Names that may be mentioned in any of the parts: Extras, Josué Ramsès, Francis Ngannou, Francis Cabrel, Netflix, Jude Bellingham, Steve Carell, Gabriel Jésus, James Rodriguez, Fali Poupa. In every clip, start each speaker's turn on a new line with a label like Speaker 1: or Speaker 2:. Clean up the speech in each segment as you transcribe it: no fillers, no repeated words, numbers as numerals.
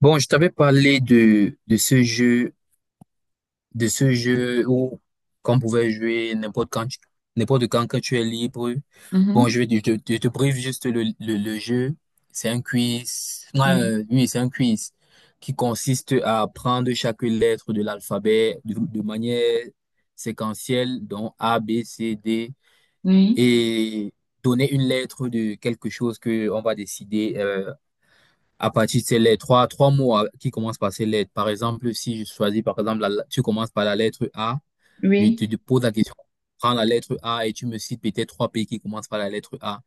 Speaker 1: Bon, je t'avais parlé de ce jeu, de ce jeu où qu'on pouvait jouer n'importe quand, n'importe quand quand tu es libre. Bon,
Speaker 2: Mhm.
Speaker 1: je te brief juste le jeu. C'est un quiz. Non,
Speaker 2: Oui,
Speaker 1: Oui, c'est un quiz qui consiste à prendre chaque lettre de l'alphabet de manière séquentielle, donc A, B, C, D,
Speaker 2: oui,
Speaker 1: et donner une lettre de quelque chose que on va décider. À partir de ces lettres, trois qui commencent par ces lettres. Par exemple, si je choisis, par exemple, tu commences par la lettre A, je te
Speaker 2: oui.
Speaker 1: pose la question, prends la lettre A et tu me cites peut-être trois pays qui commencent par la lettre A,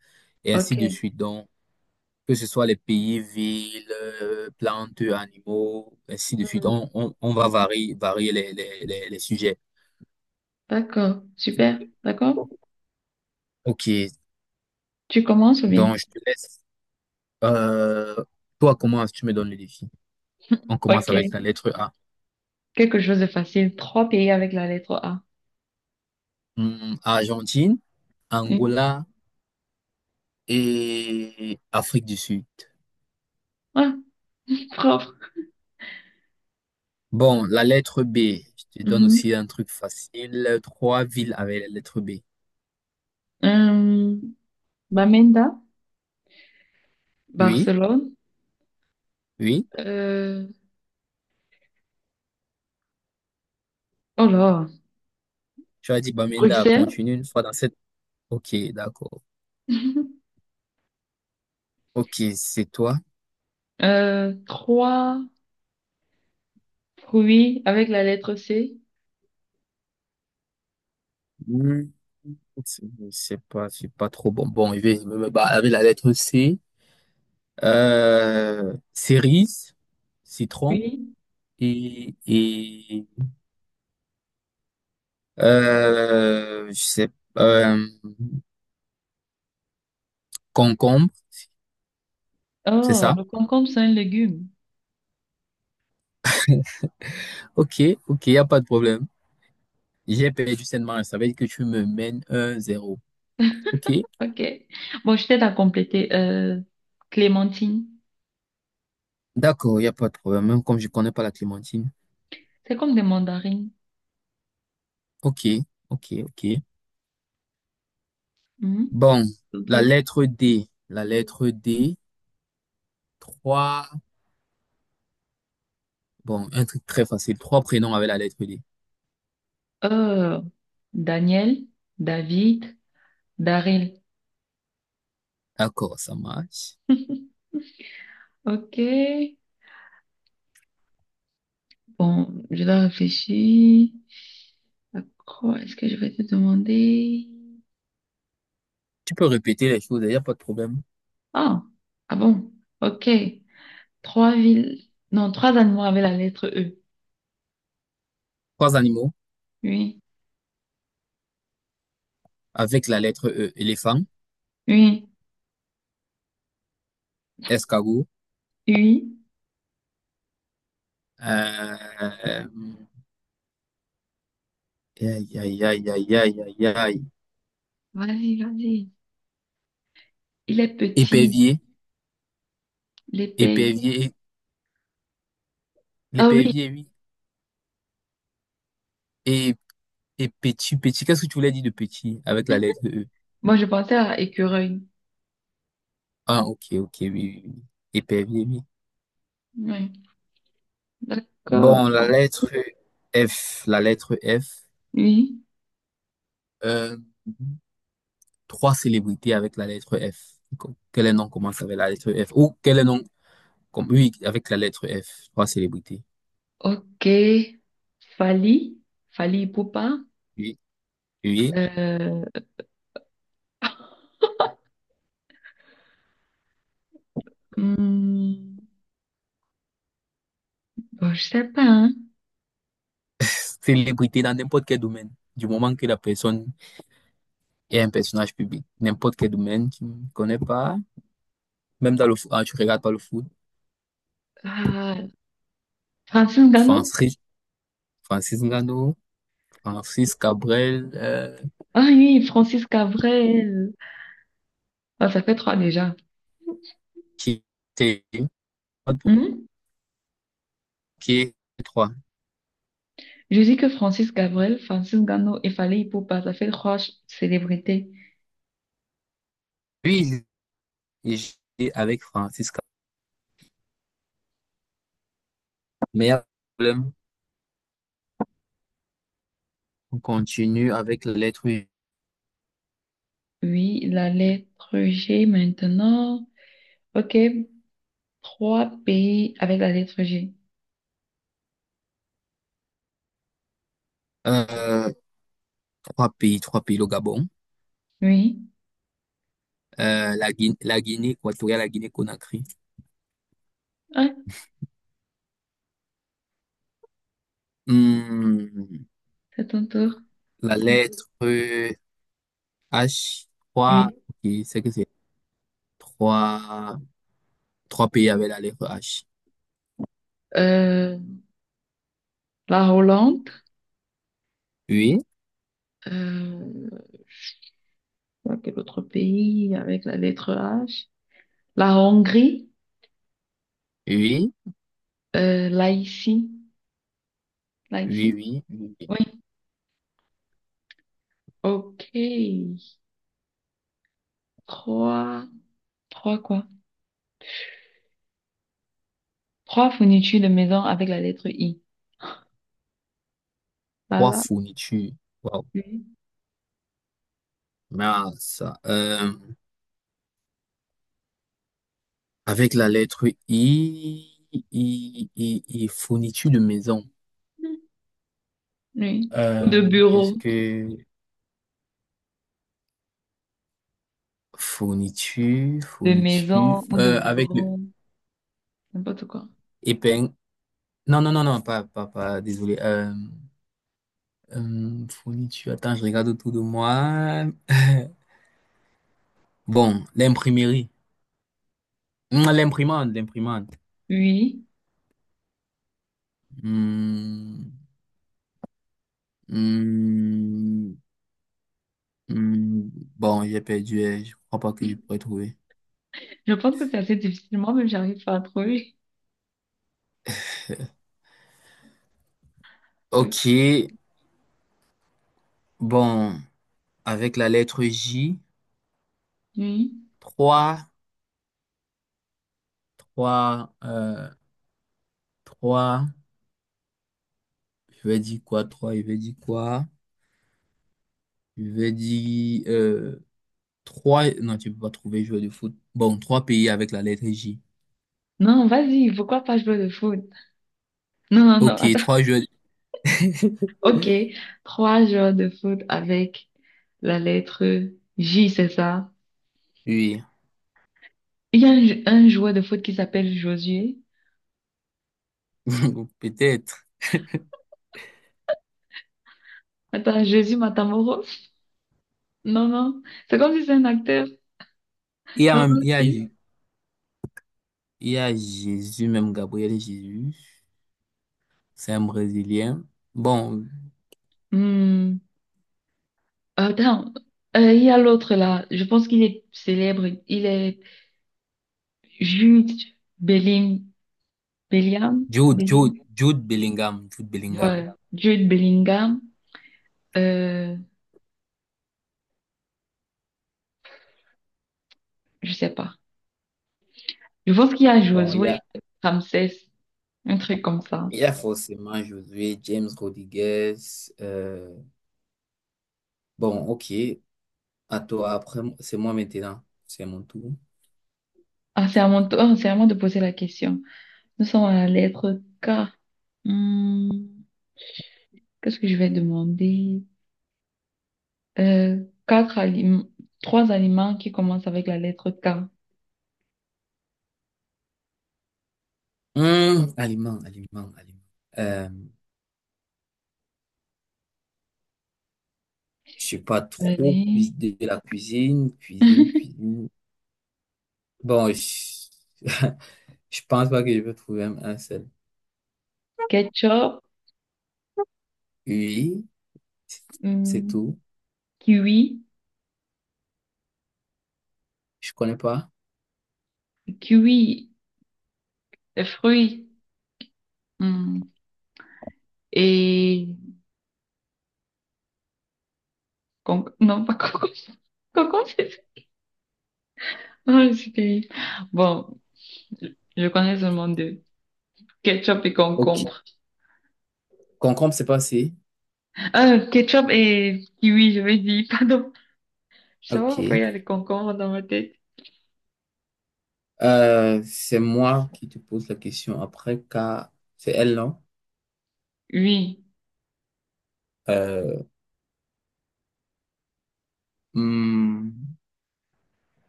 Speaker 1: et
Speaker 2: Ok.
Speaker 1: ainsi de suite. Donc, que ce soit les pays, villes, plantes, animaux, ainsi de suite.
Speaker 2: Mhm.
Speaker 1: On va varier les sujets.
Speaker 2: D'accord. Super. D'accord.
Speaker 1: Ok,
Speaker 2: Tu commences ou bien?
Speaker 1: donc je te laisse. Euh, Toi, comment tu me donnes le défi? On commence avec la
Speaker 2: Ok.
Speaker 1: lettre A.
Speaker 2: Quelque chose de facile. Trois pays avec la lettre A.
Speaker 1: Argentine,
Speaker 2: Oui.
Speaker 1: Angola, et Afrique du Sud.
Speaker 2: Ah, propre.
Speaker 1: Bon, la lettre B, je te donne aussi
Speaker 2: Mhm.
Speaker 1: un truc facile. Trois villes avec la lettre B.
Speaker 2: Euh, Bamenda,
Speaker 1: Oui,
Speaker 2: Barcelone.
Speaker 1: oui.
Speaker 2: Euh, oh là,
Speaker 1: Tu as dit Bamenda,
Speaker 2: Bruxelles.
Speaker 1: continue une fois dans cette. Ok, d'accord. Ok, c'est toi.
Speaker 2: Trois fruits avec la lettre C.
Speaker 1: Hmm, Je sais pas, je suis pas trop bon. Bon, je vais me barrer avec la lettre C. Cerise, citron
Speaker 2: Oui.
Speaker 1: et, et euh, je sais, euh, concombre, c'est
Speaker 2: Oh,
Speaker 1: ça?
Speaker 2: le concombre, c'est un légume.
Speaker 1: Ok, ok, il a pas de problème. J'ai perdu sainement, ça veut dire que tu me mènes un zéro. Ok,
Speaker 2: Ok. Bon, je t'aide à compléter. Clémentine.
Speaker 1: d'accord, il a pas de problème, même comme je connais pas la clémentine.
Speaker 2: C'est comme des mandarines.
Speaker 1: Ok, ok, ok.
Speaker 2: Mhm.
Speaker 1: Bon,
Speaker 2: Pour
Speaker 1: la lettre D, trois, bon, un truc très facile, trois prénoms avec la lettre D.
Speaker 2: euh, Daniel, David, Daryl.
Speaker 1: D'accord, ça marche.
Speaker 2: Ok. Bon, je dois réfléchir. À quoi est-ce que je vais te demander?
Speaker 1: Tu peux répéter les choses, il n'y a pas de problème.
Speaker 2: Ah, ah bon. Ok. Trois villes. Non, trois animaux avec la lettre E.
Speaker 1: Trois animaux
Speaker 2: Oui,
Speaker 1: avec la lettre E, éléphant,
Speaker 2: oui,
Speaker 1: escargot,
Speaker 2: oui.
Speaker 1: euh, aïe, aïe, aïe, aïe, aïe, aïe, aïe,
Speaker 2: Vas-y, vas-y. Il est petit.
Speaker 1: épervier,
Speaker 2: L'épervier.
Speaker 1: épervier.
Speaker 2: Ah oui.
Speaker 1: L'épervier, oui. Et, et petit, petit, qu'est-ce que tu voulais dire de petit avec la lettre E?
Speaker 2: Moi, je pensais à écureuil.
Speaker 1: Ah, ok, ok, oui, oui, oui. Épervier, oui.
Speaker 2: Oui. D'accord.
Speaker 1: Bon, la lettre F.
Speaker 2: Oui.
Speaker 1: Euh, Trois célébrités avec la lettre F. Quel nom commence avec la lettre F? Ou quel nom, comme, oui, avec la lettre F. Trois célébrités.
Speaker 2: Ok, Fali, Fali Poupa.
Speaker 1: Oui, oui, oui.
Speaker 2: Euh, hmm, bon, je sais pas. Hein.
Speaker 1: Célébrité dans n'importe quel domaine. Du moment que la personne est un personnage public. N'importe quel domaine, tu ne connais pas. Même dans le foot, ah, tu regardes pas le foot.
Speaker 2: Ah, Francis
Speaker 1: Enfin,
Speaker 2: Gallo?
Speaker 1: Francis Ngannou, Francis Cabrel,
Speaker 2: Ah oui, Francis Cabrel. Ah, ça fait trois déjà.
Speaker 1: qui était
Speaker 2: Hmm?
Speaker 1: qui trois.
Speaker 2: Je dis que Francis Cabrel, Francis Gallo et Fali Poupa, ça fait trois célébrités.
Speaker 1: Lui, il avec Francis Cabrel. Mais il y a un problème. On continue avec la lettre U.
Speaker 2: Oui, la lettre G maintenant. Ok, trois pays avec la lettre G.
Speaker 1: Euh, trois pays, le Gabon,
Speaker 2: Oui,
Speaker 1: la Guinée équatoriale, la Guinée-Conakry.
Speaker 2: ouais,
Speaker 1: Hmm,
Speaker 2: c'est ton tour.
Speaker 1: la lettre H,
Speaker 2: Oui.
Speaker 1: ok, c'est trois, trois pays avec la lettre H.
Speaker 2: Euh, la Hollande.
Speaker 1: Oui,
Speaker 2: Euh, quel autre pays avec la lettre H? La Hongrie,
Speaker 1: oui,
Speaker 2: là ici, là
Speaker 1: oui,
Speaker 2: ici.
Speaker 1: oui, oui.
Speaker 2: Oui, ok. Trois, trois quoi? Trois fournitures de maison avec la lettre I.
Speaker 1: Trois
Speaker 2: Voilà.
Speaker 1: fournitures. Wow.
Speaker 2: Oui.
Speaker 1: Mais ça, avec la lettre I, fourniture de maison.
Speaker 2: Oui. Ou de
Speaker 1: Qu'est-ce
Speaker 2: bureau,
Speaker 1: que
Speaker 2: de
Speaker 1: fourniture,
Speaker 2: maison ou de
Speaker 1: avec le
Speaker 2: bureau, n'importe quoi.
Speaker 1: épingle. Non, non, non, non, pas, désolé. Fourniture, attends, je regarde autour de moi. Bon, L'imprimante, l'imprimante.
Speaker 2: Oui.
Speaker 1: Hum, hum, Hmm, bon, j'ai perdu, je crois pas que je pourrais trouver.
Speaker 2: Je pense que c'est assez difficile. Moi-même, j'arrive pas à trouver.
Speaker 1: Ok,
Speaker 2: Ok.
Speaker 1: bon, avec la lettre J,
Speaker 2: Oui.
Speaker 1: 3 3 3, je vais dire quoi, trois je vais dire quoi, je vais dire 3, non, tu peux pas trouver joueur de foot. Bon, 3 pays avec la lettre J.
Speaker 2: Non, vas-y, pourquoi pas jouer de foot? Non, non, non.
Speaker 1: Ok,
Speaker 2: Attends.
Speaker 1: 3 joueurs,
Speaker 2: Ok, trois joueurs de foot avec la lettre J, c'est ça.
Speaker 1: oui,
Speaker 2: Il y a un joueur de foot qui s'appelle Josué.
Speaker 1: peut-être.
Speaker 2: Attends, Jésus Matamoro? Non, non. C'est comme si c'est un acteur
Speaker 1: Il y a
Speaker 2: dans
Speaker 1: même,
Speaker 2: le film.
Speaker 1: il y a Jésus, même Gabriel Jésus, c'est un Brésilien. Bon,
Speaker 2: Hmm. Attends, il y a l'autre là. Je pense qu'il est célèbre. Il est Jude Belling... Bellingham. Belling.
Speaker 1: Jude Bellingham, Jude Bellingham.
Speaker 2: Voilà. Jude Bellingham. Euh, je sais pas. Je pense qu'il y a
Speaker 1: Bon,
Speaker 2: Josué Ramsès. Un truc comme ça.
Speaker 1: il y a forcément Josué, James Rodriguez. euh, ok. À toi, après, c'est moi maintenant. C'est mon tour.
Speaker 2: Ah, c'est à mon tour, c'est à moi de poser la question. Nous sommes à la lettre K. Hmm, qu'est-ce que je vais demander? Euh, quatre aliments, trois aliments qui commencent avec la lettre K.
Speaker 1: Aliments, aliment. Euh, je sais pas trop
Speaker 2: Allez.
Speaker 1: cuisiner de la cuisine. Bon, je pense pas que je peux trouver un seul.
Speaker 2: Ketchup,
Speaker 1: Oui, c'est
Speaker 2: hmm,
Speaker 1: tout.
Speaker 2: kiwi,
Speaker 1: Je connais pas.
Speaker 2: kiwi, le fruit, hmm, et con- non pas concombre, concombre c'est ça. Non, je suis terrible. Bon, je connais seulement deux, ketchup et
Speaker 1: Ok.
Speaker 2: concombre.
Speaker 1: Concombre, c'est passé.
Speaker 2: Ketchup et kiwi, je vais dire, pardon. Je sais pas pourquoi
Speaker 1: Ok.
Speaker 2: il y a les concombres dans ma tête.
Speaker 1: C'est moi qui te pose la question après, car c'est elle, non?
Speaker 2: Oui,
Speaker 1: Euh, hmm,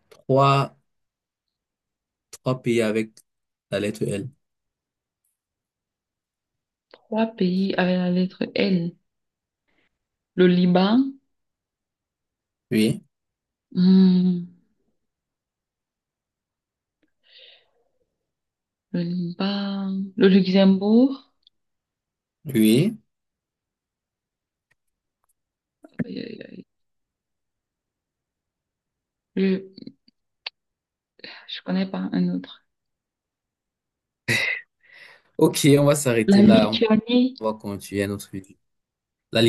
Speaker 1: trois, trois pays avec la lettre L.
Speaker 2: trois pays avec la lettre L. Le Liban,
Speaker 1: Oui,
Speaker 2: hmm, le Luxembourg,
Speaker 1: oui.
Speaker 2: aïe, aïe, aïe. je, je connais pas un autre.
Speaker 1: Ok, on va
Speaker 2: La
Speaker 1: s'arrêter là.
Speaker 2: Lituanie,
Speaker 1: On va continuer un autre. La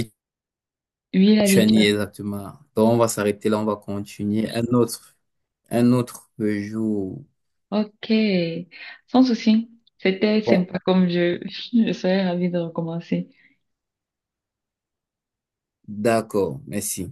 Speaker 2: oui, la
Speaker 1: Lituanie,
Speaker 2: Lituanie.
Speaker 1: exactement. Donc, on va s'arrêter là. On va continuer un autre jour.
Speaker 2: Ok, sans souci. C'était
Speaker 1: Bon,
Speaker 2: sympa comme jeu. Je serais ravie de recommencer.
Speaker 1: d'accord. Merci.